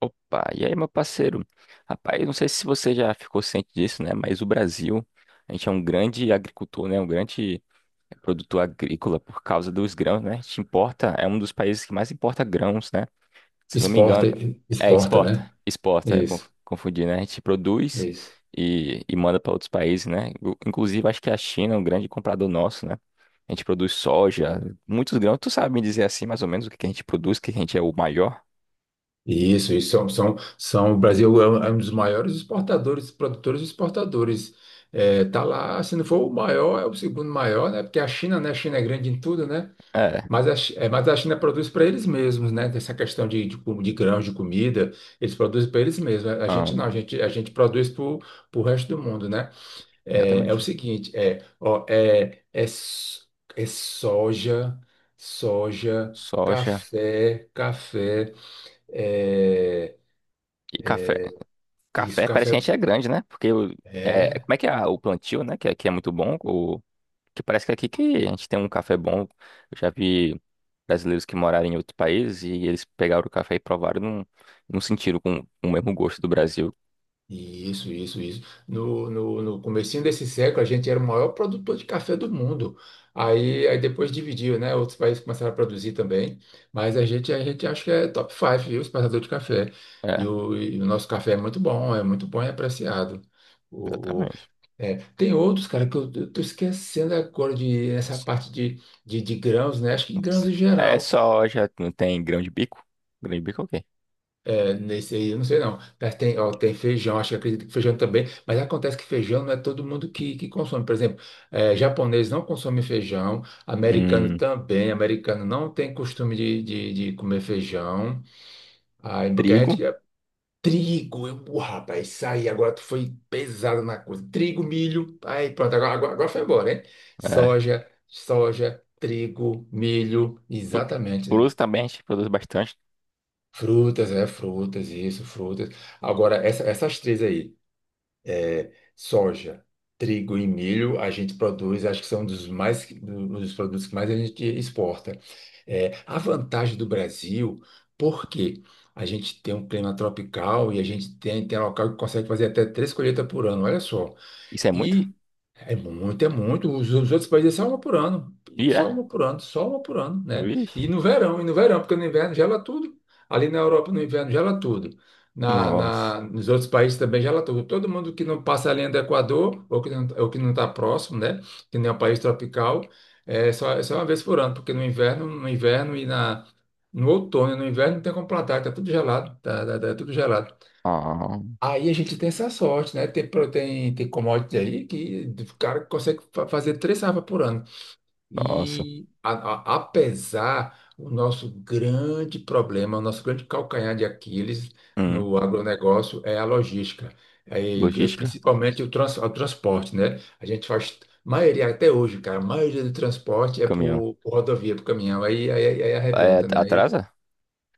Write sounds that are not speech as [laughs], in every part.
Opa, e aí, meu parceiro? Rapaz, não sei se você já ficou ciente disso, né? Mas o Brasil, a gente é um grande agricultor, né? Um grande produtor agrícola por causa dos grãos, né? A gente importa, é um dos países que mais importa grãos, né? Se não me Exporta, engano, é exporta, exporta, né? exporta, é Isso, confundir, né? A gente produz isso. e manda para outros países, né? Inclusive, acho que a China é um grande comprador nosso, né? A gente produz soja, muitos grãos. Tu sabe me dizer assim, mais ou menos, o que que a gente produz, o que que a gente é o maior? Isso. O Brasil é um dos maiores exportadores, produtores e exportadores. É, tá lá, se não for o maior, é o segundo maior, né? Porque a China, né? A China é grande em tudo, né? É. Mas mas a China produz para eles mesmos, né? Tem essa questão de grãos, de comida, eles produzem para eles mesmos. A gente Então, não, a gente produz para o resto do mundo, né? É, é o exatamente. seguinte, é, ó, é, é, s- é soja, soja, Soja café, café, é, e café. isso, Café parece café, que a gente é grande, né? Porque é, como é que é o plantio, né? Que aqui é muito bom. O, que parece que aqui que a gente tem um café bom. Eu já vi brasileiros que moraram em outros países e eles pegaram o café e provaram e não, não sentiram com o mesmo gosto do Brasil. isso, isso, isso. No comecinho desse século, a gente era o maior produtor de café do mundo. Aí depois dividiu, né? Outros países começaram a produzir também, mas a gente acha que é top 5, viu, exportador de café. E É, o nosso café é muito bom e apreciado. O exatamente. Tem outros, cara, que eu tô esquecendo agora de essa parte de grãos, né? Acho que grãos em É geral. soja, não tem grão de bico. Grão de bico é o quê? É, nesse aí, eu não sei não. Mas tem, ó, tem feijão, acho que acredito que feijão também, mas acontece que feijão não é todo mundo que consome. Por exemplo, é, japonês não consome feijão, americano Hum, também, americano não tem costume de comer feijão. Aí, porque a trigo. gente, Trigo, eu, pô, rapaz, isso aí, agora tu foi pesado na coisa. Trigo, milho, aí pronto, agora foi embora, hein? É. Soja, soja, trigo, milho, Fru- exatamente. Fruta também a gente produz bastante. Frutas, é, frutas, isso, frutas. Agora, essas três aí. Soja, trigo e milho a gente produz, acho que são dos mais dos produtos que mais a gente exporta. É, a vantagem do Brasil, porque a gente tem um clima tropical e a gente tem, tem local que consegue fazer até três colheitas por ano, olha só. Isso é muito? E é muito, é muito. Os outros países é só uma por ano, E é? Só uma por ano, né? Vixe. E no verão, porque no inverno gela tudo. Ali na Europa, no inverno, gela tudo. Nossa. Nos outros países também gela tudo. Todo mundo que não passa a linha do Equador, ou que não está próximo, né? Que nem é um país tropical, é só uma vez por ano, porque no inverno e no outono e no inverno não tem como plantar, tá tudo gelado, tá tudo gelado. Ah, Aí a gente tem essa sorte, né? Tem commodity aí que o cara consegue fazer três safras por ano. nossa. E apesar o nosso grande problema, o nosso grande calcanhar de Aquiles Hum. no agronegócio é a logística, aí, Logística? principalmente o transporte, né? A gente faz maioria até hoje, cara, a maioria do transporte é Caminhão. Por rodovia, por caminhão, aí É, arrebenta, né? atrasa?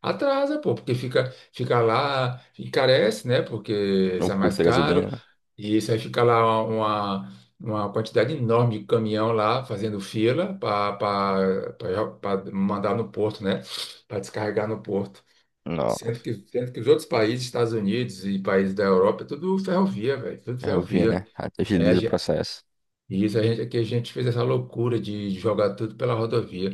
Atrasa, pô, porque fica, fica lá, encarece, né? Porque Ou sai mais curta a gasolina, caro, né? e isso aí fica lá uma quantidade enorme de caminhão lá fazendo fila para mandar no porto, né? Para descarregar no porto. Nossa. Sendo que os outros países, Estados Unidos e países da Europa, é tudo ferrovia, velho, tudo Eu vi, ferrovia. né? É, Agiliza o processo. e isso a gente, é que a gente fez essa loucura de jogar tudo pela rodovia.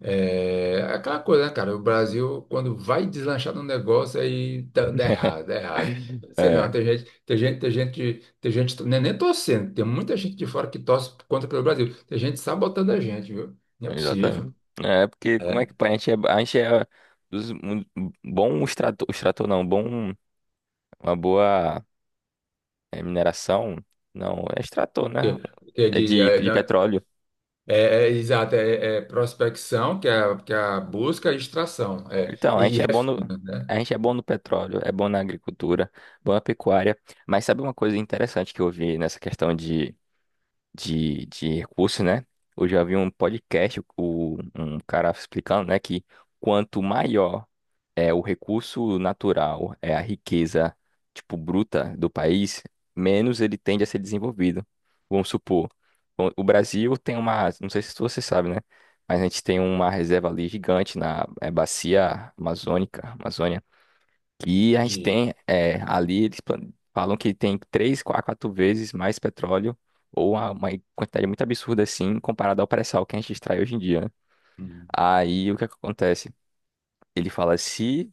É aquela coisa, né, cara? O Brasil, quando vai deslanchar no negócio, aí dá [laughs] errado, dá errado. Sei não, É, tem gente, não é nem torcendo, tem muita gente de fora que torce contra pelo Brasil. Tem gente sabotando a gente, viu? Não é possível. exatamente. É, porque como é É, que põe? A gente é, a gente é dos, um, bom extrator, extrator não, bom, uma boa mineração, não, é extrator, que, né? que É de, é, de na- petróleo. é, é, exato, é prospecção, que é, que é a busca e extração, é, Então, a e gente é bom no, refino, né? a gente é bom no petróleo, é bom na agricultura, bom na pecuária, mas sabe uma coisa interessante que eu vi nessa questão de recursos, né? Eu já vi um podcast, o, um cara explicando, né, que quanto maior é o recurso natural, é a riqueza, tipo, bruta do país, menos ele tende a ser desenvolvido. Vamos supor, o Brasil tem uma, não sei se você sabe, né? Mas a gente tem uma reserva ali gigante na bacia amazônica, Amazônia, que a gente De, tem ali, falam que tem três, quatro vezes mais petróleo, ou uma quantidade muito absurda assim, comparado ao pré-sal que a gente extrai hoje em dia, né? Hum. Aí o que é que acontece? Ele fala, se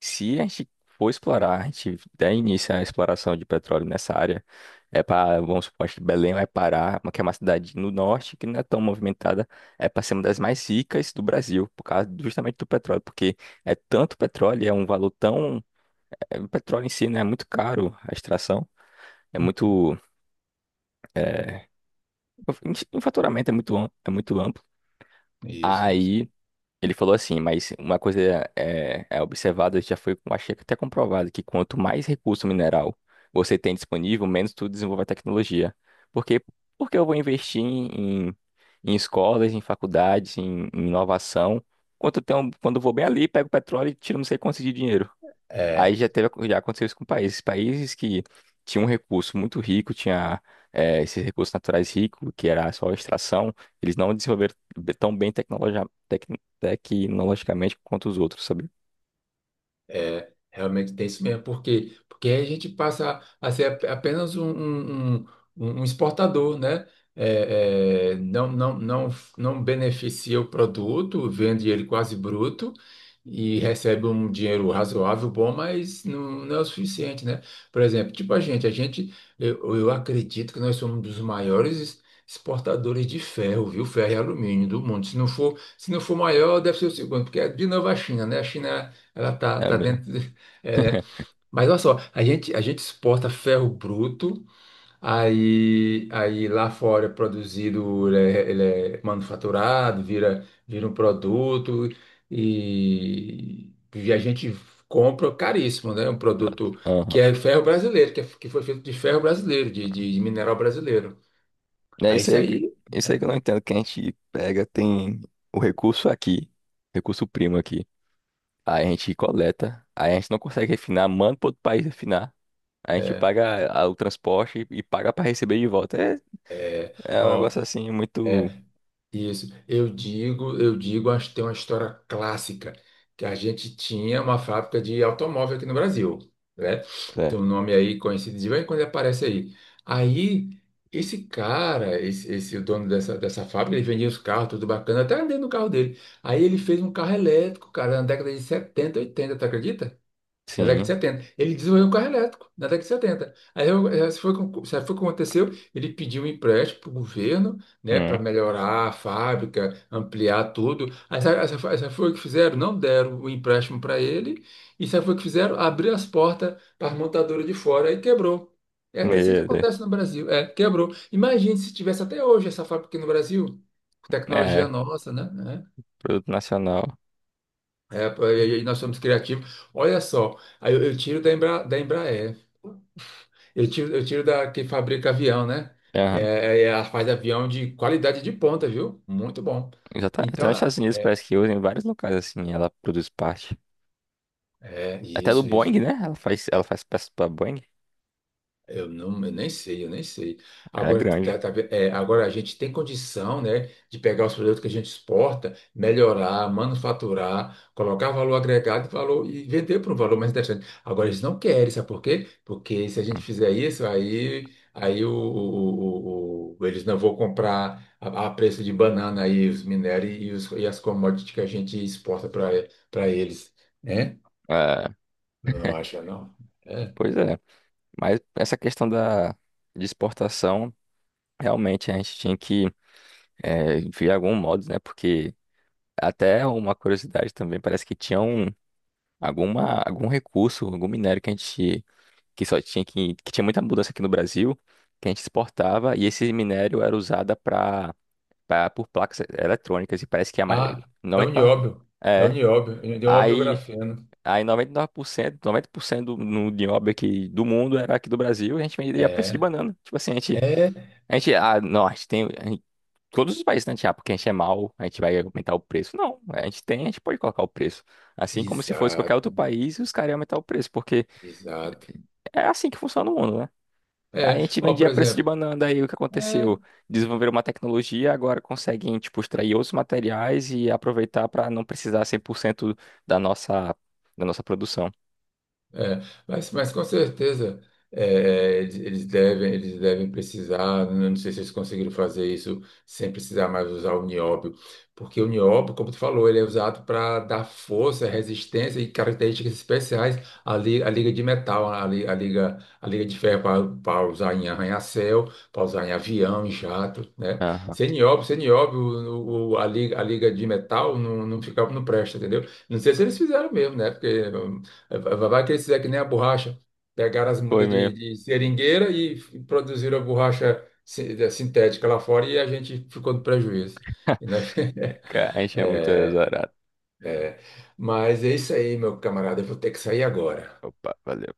se a gente for explorar, a gente der início à exploração de petróleo nessa área, é para, vamos supor, que Belém vai parar, que é uma cidade no norte que não é tão movimentada, é para ser uma das mais ricas do Brasil, por causa justamente do petróleo, porque é tanto petróleo, é um valor tão. O petróleo em si, né, é muito caro a extração, é muito. é, o faturamento é muito, é muito amplo. isso, isso. Aí. Ele falou assim, mas uma coisa é, observada, já foi, achei que até comprovado, que quanto mais recurso mineral você tem disponível, menos tu desenvolve a tecnologia. Porque, porque eu vou investir em, em escolas, em faculdades, em, em inovação, quando eu tenho, quando eu vou bem ali, pego petróleo e tiro não sei quanto de dinheiro. Aí É, já teve, já aconteceu isso com países. Países que tinham um recurso muito rico, tinha esses recursos naturais ricos, que era só extração, eles não desenvolveram tão bem tecnologia, tecnologicamente quanto os outros, sabe? Realmente tem isso mesmo. Por quê? Porque aí a gente passa a ser apenas um um exportador, né? É, é, não, não, não, não beneficia o produto, vende ele quase bruto e recebe um dinheiro razoável, bom, mas não, não é o suficiente, né? Por exemplo, tipo eu acredito que nós somos um dos maiores exportadores de ferro, viu? Ferro e alumínio do mundo. Se não for, se não for maior, deve ser o segundo, porque é de novo a China, né? A China Ela tá, É tá mesmo. dentro. De- [laughs] é, né? [laughs] Mas olha só, a gente exporta ferro bruto, aí lá fora é produzido, ele é manufaturado, vira, vira um produto e a gente compra caríssimo, né? Um Exato. produto Aham. que é ferro brasileiro, que foi feito de ferro brasileiro, de mineral brasileiro. É Aí isso isso aí, aí, isso aí que né? eu não entendo, que a gente pega, tem o recurso aqui, recurso primo aqui, aí a gente coleta, aí a gente não consegue refinar, manda para outro país refinar, aí a gente É, paga o transporte e paga para receber de volta. É. É um ó. negócio assim muito. é, Isso, eu digo, acho que tem uma história clássica, que a gente tinha uma fábrica de automóvel aqui no Brasil, né? Tem É, um nome aí conhecido de vez em quando ele aparece aí. Aí, esse o dono dessa fábrica, ele vendia os carros, tudo bacana, até andei no carro dele. Aí ele fez um carro elétrico, cara, na década de 70 80 tu acredita? Na década de sim. 70 ele desenvolveu um carro elétrico na década de setenta. Se foi, o que se foi o que aconteceu, ele pediu um empréstimo para o governo, né, para Hum. melhorar a fábrica, ampliar tudo. Aí sabe foi o que fizeram? Não deram o empréstimo para ele. E sabe foi o que fizeram? Abriu as portas para as montadoras de fora e quebrou. É, é assim que Medo. acontece no Brasil. É, quebrou. Imagine se tivesse até hoje essa fábrica aqui no Brasil. Tecnologia É, nossa, né? produto nacional. E nós somos criativos. Olha só, aí eu tiro da Embra, da Embraer. Eu tiro da que fabrica avião, né? Aham. Ela faz avião de qualidade de ponta, viu? Muito bom. Já tá, tá Então, nos Estados Unidos, é, parece que usa em vários locais assim. Ela produz parte. Até do isso, Boeing, isso. né? Ela faz peças pra Boeing. Eu nem sei, eu nem sei. Ela é Agora, grande. Agora a gente tem condição, né, de pegar os produtos que a gente exporta, melhorar, manufaturar, colocar valor agregado e vender por um valor mais interessante. Agora, eles não querem, sabe por quê? Porque se a gente Hum. fizer isso, aí, aí o- eles não vão comprar a preço de banana aí os minérios e as commodities que a gente exporta para eles, né? É, Não acha, não? É. pois é. Mas essa questão de exportação, realmente a gente tinha que ver de algum modo, né? Porque até uma curiosidade também, parece que tinha um, alguma, algum recurso, algum minério que a gente que só tinha que tinha muita mudança aqui no Brasil, que a gente exportava e esse minério era usado para por placas eletrônicas e parece que a mais Ah, é o 99 nióbio. É o é, nióbio, é o nióbio aí grafeno. aí 99%, 90% do, no, de obra aqui do mundo era aqui do Brasil e a gente vendia a preço de É, banana. Tipo assim, é, a gente ah, não, a gente tem a gente. Todos os países, né? Tipo, ah, porque a gente é mau, a gente vai aumentar o preço. Não, a gente tem, a gente pode colocar o preço. Assim como se fosse qualquer exato, outro país, os caras iam aumentar o preço, porque exato. é assim que funciona o mundo, né? Aí É, a gente ó, por vendia preço de exemplo, banana, daí o que é, aconteceu? Desenvolveram uma tecnologia, agora conseguem, tipo, extrair outros materiais e aproveitar para não precisar 100% da nossa, da nossa produção. É, mas com certeza é, é, eles devem precisar, não sei se eles conseguiram fazer isso sem precisar mais usar o nióbio, porque o nióbio, como tu falou, ele é usado para dar força, resistência e características especiais à liga de metal, à liga de ferro para usar em arranha-céu, para usar em avião, em jato, né? Aham. Sem nióbio, a liga de metal não, não fica, não presta, entendeu? Não sei se eles fizeram mesmo, né? Porque vai que eles é que nem a borracha. Pegaram as Foi mudas mesmo. de seringueira e produziram a borracha sintética lá fora e a gente ficou no prejuízo. E nós- Cara, a [laughs] gente é muito azarado. É, mas é isso aí, meu camarada. Eu vou ter que sair agora. Opa, valeu.